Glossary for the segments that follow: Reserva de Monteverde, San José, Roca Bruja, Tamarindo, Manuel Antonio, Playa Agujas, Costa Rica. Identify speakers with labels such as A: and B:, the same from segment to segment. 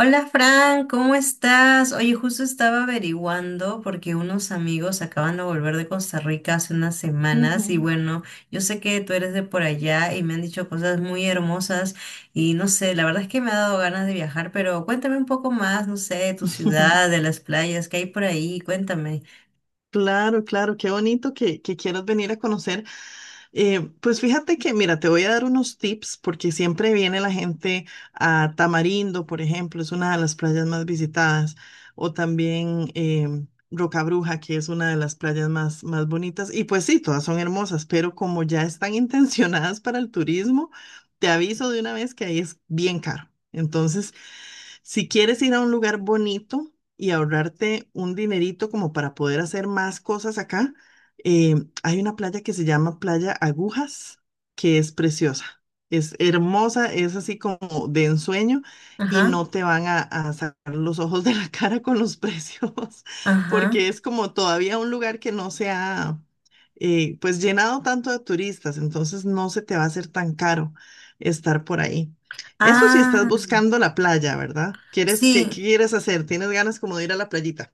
A: Hola Fran, ¿cómo estás? Oye, justo estaba averiguando porque unos amigos acaban de volver de Costa Rica hace unas semanas y
B: Ujú.
A: bueno, yo sé que tú eres de por allá y me han dicho cosas muy hermosas y no sé, la verdad es que me ha dado ganas de viajar, pero cuéntame un poco más, no sé, de tu ciudad, de las playas que hay por ahí, cuéntame.
B: Claro, claro, qué bonito que quieras venir a conocer. Pues fíjate mira, te voy a dar unos tips porque siempre viene la gente a Tamarindo. Por ejemplo, es una de las playas más visitadas, o también Roca Bruja, que es una de las playas más, más bonitas. Y pues sí, todas son hermosas, pero como ya están intencionadas para el turismo, te aviso de una vez que ahí es bien caro. Entonces, si quieres ir a un lugar bonito y ahorrarte un dinerito como para poder hacer más cosas acá, eh, hay una playa que se llama Playa Agujas, que es preciosa. Es hermosa, es así como de ensueño, y no
A: Ajá,
B: te van a sacar los ojos de la cara con los precios,
A: ajá.
B: porque es como todavía un lugar que no se ha pues llenado tanto de turistas, entonces no se te va a hacer tan caro estar por ahí. Eso si estás
A: Ah,
B: buscando la playa, ¿verdad? ¿Qué
A: sí.
B: quieres hacer? ¿Tienes ganas como de ir a la playita?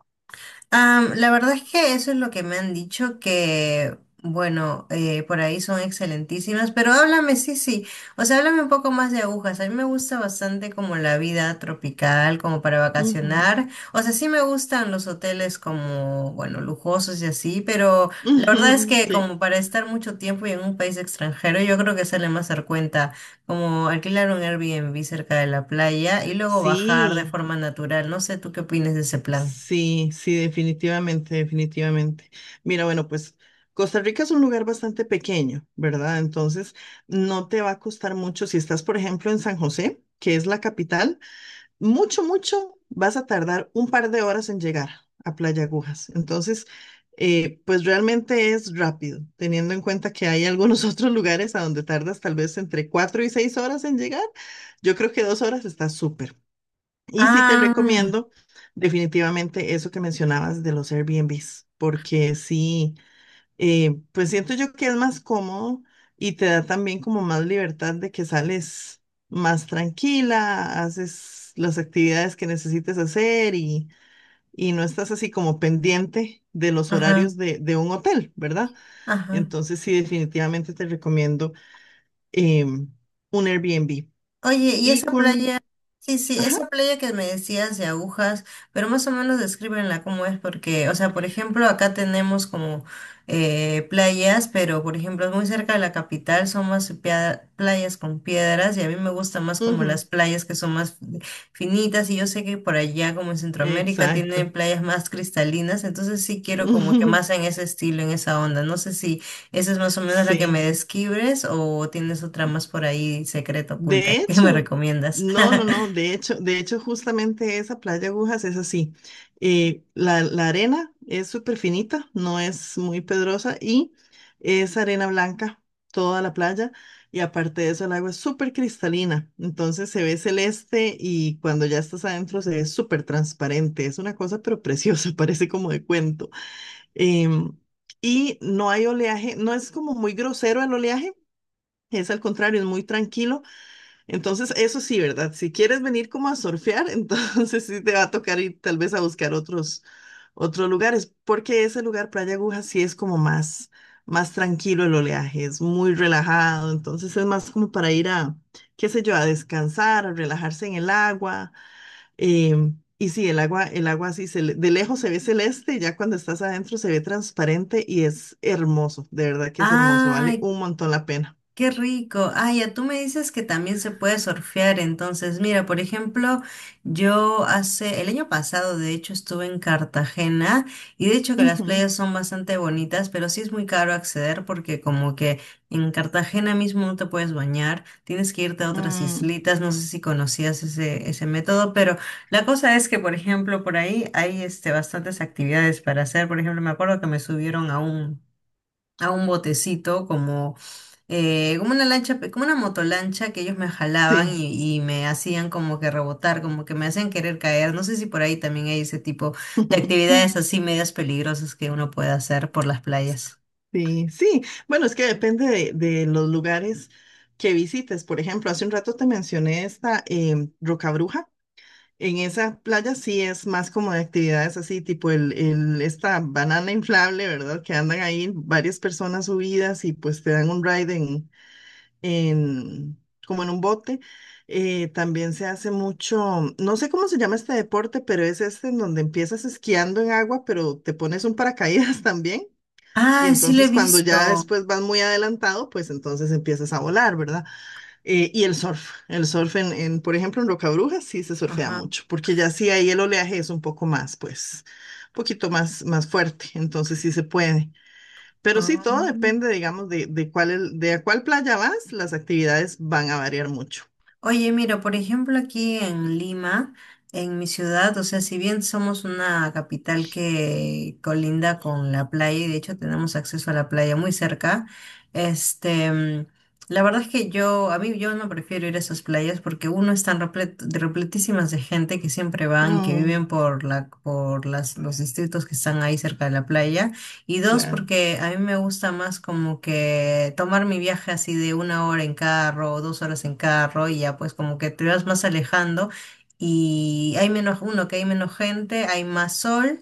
A: La verdad es que eso es lo que me han dicho, que bueno, por ahí son excelentísimas, pero háblame, sí, sí, o sea, háblame un poco más de agujas. A mí me gusta bastante como la vida tropical, como para
B: Ujú.
A: vacacionar. O sea, sí me gustan los hoteles como, bueno, lujosos y así, pero la verdad es que
B: Sí.
A: como para estar mucho tiempo y en un país extranjero, yo creo que sale más dar cuenta como alquilar un Airbnb cerca de la playa y luego bajar de
B: Sí,
A: forma natural. No sé, ¿tú qué opinas de ese plan?
B: sí, sí, definitivamente, definitivamente. Mira, bueno, pues Costa Rica es un lugar bastante pequeño, ¿verdad? Entonces, no te va a costar mucho si estás, por ejemplo, en San José, que es la capital. Mucho, mucho, vas a tardar un par de horas en llegar a Playa Agujas. Entonces, pues realmente es rápido, teniendo en cuenta que hay algunos otros lugares a donde tardas tal vez entre cuatro y seis horas en llegar. Yo creo que dos horas está súper. Y sí te
A: Ah,
B: recomiendo definitivamente eso que mencionabas de los Airbnbs, porque sí, pues siento yo que es más cómodo y te da también como más libertad de que sales más tranquila, haces las actividades que necesites hacer y no estás así como pendiente de los
A: ajá,
B: horarios de un hotel, ¿verdad?
A: ajá.
B: Entonces sí, definitivamente te recomiendo em, un Airbnb.
A: Oye, y
B: Y
A: esa
B: con...
A: playa, sí, sí,
B: Ajá,
A: esa playa que me decías de agujas, pero más o menos descríbenla cómo es, porque, o sea, por ejemplo, acá tenemos como playas, pero por ejemplo, muy cerca de la capital son más playas con piedras, y a mí me gusta más como las
B: ujú,
A: playas que son más finitas, y yo sé que por allá, como en Centroamérica,
B: exacto.
A: tienen playas más cristalinas, entonces sí quiero como que más en ese estilo, en esa onda. No sé si ¿esa es más o menos la que me
B: Sí.
A: describes o tienes otra más por ahí secreta oculta
B: De
A: que me
B: hecho,
A: recomiendas?
B: no, no, no, de hecho, justamente esa playa Agujas es así. La arena es súper finita, no es muy pedrosa y es arena blanca toda la playa. Y aparte de eso, el agua es súper cristalina, entonces se ve celeste, y cuando ya estás adentro se ve súper transparente. Es una cosa pero preciosa, parece como de cuento. Em, y no hay oleaje, no es como muy grosero el oleaje, es al contrario, es muy tranquilo. Entonces, eso sí, ¿verdad? Si quieres venir como a surfear, entonces sí te va a tocar ir tal vez a buscar otros lugares, porque ese lugar, Playa Aguja, sí es como más, más tranquilo el oleaje, es muy relajado, entonces es más como para ir a, qué sé yo, a descansar, a relajarse en el agua. Y sí, el agua, sí, de lejos se ve celeste, y ya cuando estás adentro se ve transparente y es hermoso, de verdad que es hermoso, vale
A: Ay,
B: un montón la pena.
A: qué rico. Ah, ya tú me dices que también se puede surfear. Entonces, mira, por ejemplo, yo hace el año pasado, de hecho, estuve en Cartagena y de hecho que las
B: Ujú,
A: playas son bastante bonitas, pero sí es muy caro acceder porque como que en Cartagena mismo no te puedes bañar, tienes que irte a otras
B: mm,
A: islitas. No sé si conocías ese, ese método, pero la cosa es que, por ejemplo, por ahí hay este, bastantes actividades para hacer. Por ejemplo, me acuerdo que me subieron a un botecito como, como una lancha, como una motolancha que ellos me jalaban
B: sí.
A: y me hacían como que rebotar, como que me hacían querer caer. No sé si por ahí también hay ese tipo de actividades así medias peligrosas que uno puede hacer por las playas.
B: Sí, sí. Bueno, es que depende de los lugares que visites. Por ejemplo, hace un rato te mencioné esta Roca Bruja. En esa playa sí es más como de actividades así, tipo esta banana inflable, ¿verdad? Que andan ahí varias personas subidas y pues te dan un ride en- como en un bote. También se hace mucho, no sé cómo se llama este deporte, pero es este en donde empiezas esquiando en agua, pero te pones un paracaídas. También, y
A: Ah, sí lo he
B: entonces cuando ya
A: visto.
B: después vas muy adelantado, pues entonces empiezas a volar, ¿verdad? Y el surf en, por ejemplo, en Rocabrúa sí se surfea
A: Ajá.
B: mucho, porque ya sí ahí el oleaje es un poco más, pues, un poquito más, más fuerte, entonces sí se puede. Pero sí,
A: Ah.
B: todo depende, digamos, de a cuál playa vas, las actividades van a variar mucho.
A: Oye, mira, por ejemplo, aquí en Lima, en mi ciudad, o sea, si bien somos una capital que colinda con la playa y de hecho tenemos acceso a la playa muy cerca, este, mm, la verdad es que yo, a mí yo no prefiero ir a esas playas porque uno están repletísimas de gente que siempre van, que
B: Mm,
A: viven por por las, los distritos que están ahí cerca de la playa. Y dos,
B: claro.
A: porque a mí me gusta más como que tomar mi viaje así de una hora en carro o dos horas en carro y ya pues como que te vas más alejando y hay menos, uno, que hay menos gente, hay más sol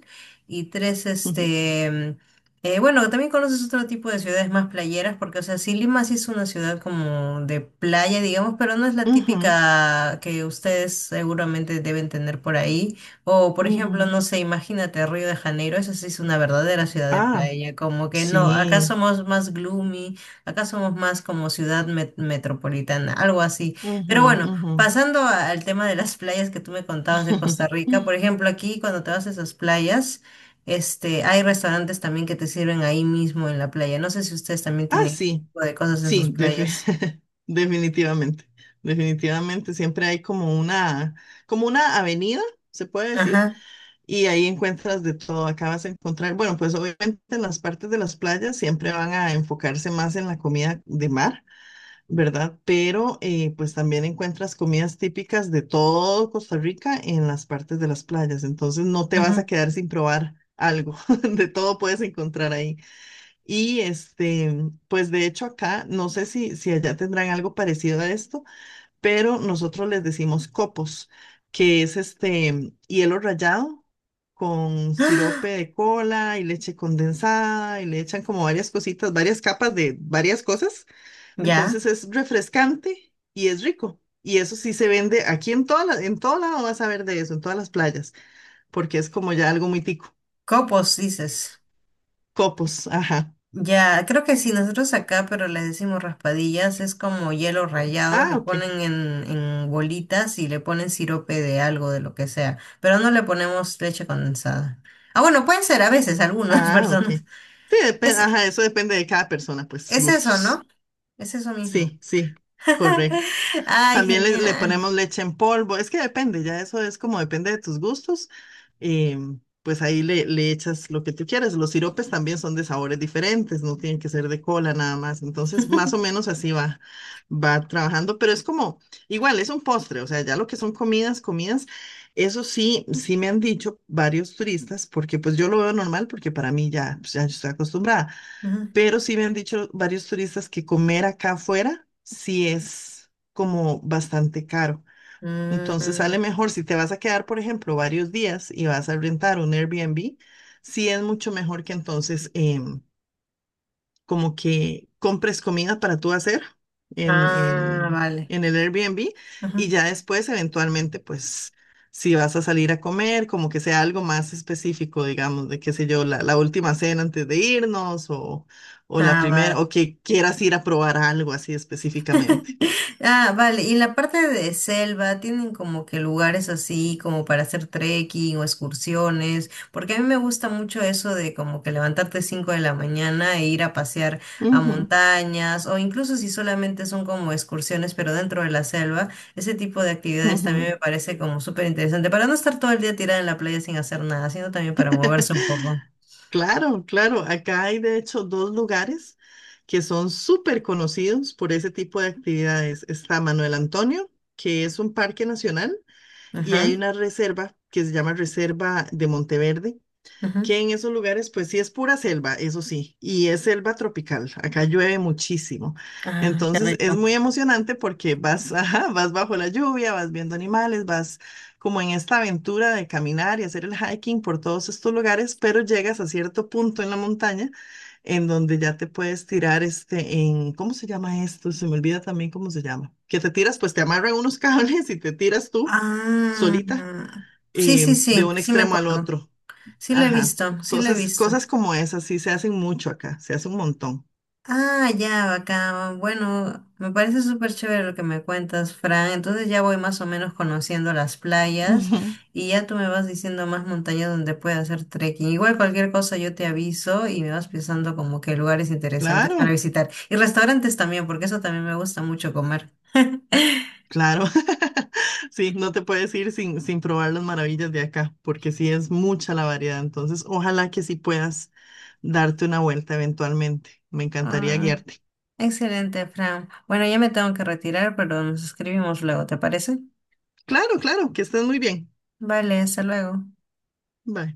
A: y tres,
B: Ujú,
A: bueno, también conoces otro tipo de ciudades más playeras, porque, o sea, sí, Lima sí es una ciudad como de playa, digamos, pero no es la
B: ujú,
A: típica que ustedes seguramente deben tener por ahí. O, por ejemplo,
B: ujú.
A: no sé, imagínate Río de Janeiro, esa sí es una verdadera ciudad de
B: Ah,
A: playa, como que no, acá
B: sí.
A: somos más gloomy, acá somos más como ciudad metropolitana, algo así.
B: Ujú,
A: Pero bueno,
B: ujú.
A: pasando al tema de las playas que tú me contabas de Costa Rica, por ejemplo, aquí cuando te vas a esas playas, este, hay restaurantes también que te sirven ahí mismo en la playa. No sé si ustedes también
B: Ah,
A: tienen ese
B: sí.
A: tipo de cosas en sus
B: Sí,
A: playas.
B: definitivamente, definitivamente. Siempre hay como una avenida, se puede decir,
A: Ajá,
B: y ahí encuentras de todo. Acá vas a encontrar, bueno, pues obviamente en las partes de las playas siempre van a enfocarse más en la comida de mar, ¿verdad? Pero pues también encuentras comidas típicas de todo Costa Rica en las partes de las playas. Entonces no te vas
A: ajá.
B: a quedar sin probar algo. De todo puedes encontrar ahí. Y este, pues de hecho acá, no sé si allá tendrán algo parecido a esto, pero nosotros les decimos copos, que es este hielo rallado con sirope
A: ¡Ah!
B: de cola y leche condensada, y le echan como varias cositas, varias capas de varias cosas.
A: Ya,
B: Entonces es refrescante y es rico. Y eso sí se vende aquí en en todo lado vas a ver de eso, en todas las playas, porque es como ya algo muy tico.
A: copos, dices.
B: Copos, ajá.
A: Ya, creo que sí, nosotros acá, pero les decimos raspadillas, es como hielo rallado,
B: Ah,
A: lo
B: ok.
A: ponen en bolitas y le ponen sirope de algo, de lo que sea, pero no le ponemos leche condensada. Ah, bueno, pueden ser a veces algunas
B: Ah, ok.
A: personas.
B: Sí,
A: Es,
B: ajá, eso depende de cada persona, pues,
A: es eso, ¿no?
B: gustos.
A: Es eso mismo.
B: Sí, sí, correcto.
A: Ay,
B: También le
A: genial.
B: ponemos leche en polvo. Es que depende, ya eso es como depende de tus gustos. eh, pues ahí le echas lo que tú quieras. Los siropes también son de sabores diferentes, no tienen que ser de cola nada más. Entonces, más o menos así va trabajando, pero es como, igual, es un postre, o sea, ya lo que son comidas, comidas, eso sí, sí me han dicho varios turistas, porque pues yo lo veo normal, porque para mí ya, pues, ya yo estoy acostumbrada,
A: Ujú.
B: pero sí me han dicho varios turistas que comer acá afuera sí es como bastante caro. Entonces
A: Mm,
B: sale mejor si te vas a quedar, por ejemplo, varios días y vas a rentar un Airbnb, sí es mucho mejor que entonces, como que compres comida para tú hacer en,
A: ah,
B: en,
A: vale.
B: en el Airbnb, y
A: Ujú.
B: ya después eventualmente pues si vas a salir a comer, como que sea algo más específico, digamos, de qué sé yo, la última cena antes de irnos, o la
A: Ah,
B: primera,
A: vale.
B: o que quieras ir a probar algo así específicamente.
A: Ah, vale. Y en la parte de selva tienen como que lugares así como para hacer trekking o excursiones, porque a mí me gusta mucho eso de como que levantarte 5 de la mañana e ir a pasear a
B: Ujú,
A: montañas o incluso si solamente son como excursiones pero dentro de la selva, ese tipo de actividades Mm. también
B: ujú.
A: me parece como súper interesante para no estar todo el día tirada en la playa sin hacer nada, sino también para moverse un poco.
B: Claro, claro, acá hay de hecho dos lugares que son súper conocidos por ese tipo de actividades. Está Manuel Antonio, que es un parque nacional, y hay
A: Ajá,
B: una reserva que se llama Reserva de Monteverde,
A: ajá.
B: que en esos lugares pues sí es pura selva, eso sí, y es selva tropical, acá llueve muchísimo.
A: Ah, qué
B: Entonces es
A: rico.
B: muy emocionante porque vas, ajá, vas bajo la lluvia, vas viendo animales, vas como en esta aventura de caminar y hacer el hiking por todos estos lugares, pero llegas a cierto punto en la montaña en donde ya te puedes tirar ¿cómo se llama esto? Se me olvida también cómo se llama. Que te tiras, pues te amarran unos cables y te tiras tú
A: Ah,
B: solita
A: sí, sí,
B: de
A: sí,
B: un
A: sí me
B: extremo al
A: acuerdo.
B: otro.
A: Sí lo he
B: Ajá,
A: visto, sí lo he
B: cosas,
A: visto.
B: cosas como esas sí se hacen mucho acá, se hace un montón.
A: Ah, ya, bacán. Bueno, me parece súper chévere lo que me cuentas, Fran. Entonces ya voy más o menos conociendo las playas
B: Ujú.
A: y ya tú me vas diciendo más montañas donde pueda hacer trekking. Igual cualquier cosa yo te aviso y me vas pensando como que lugares interesantes para
B: Claro,
A: visitar. Y restaurantes también, porque eso también me gusta mucho comer.
B: claro. Sí, no te puedes ir sin probar las maravillas de acá, porque sí es mucha la variedad. Entonces, ojalá que sí puedas darte una vuelta eventualmente. Me encantaría
A: Ah,
B: guiarte.
A: excelente, Fran. Bueno, ya me tengo que retirar, pero nos escribimos luego, ¿te parece?
B: Claro, claro, que estés muy bien.
A: Vale, hasta luego.
B: Bye.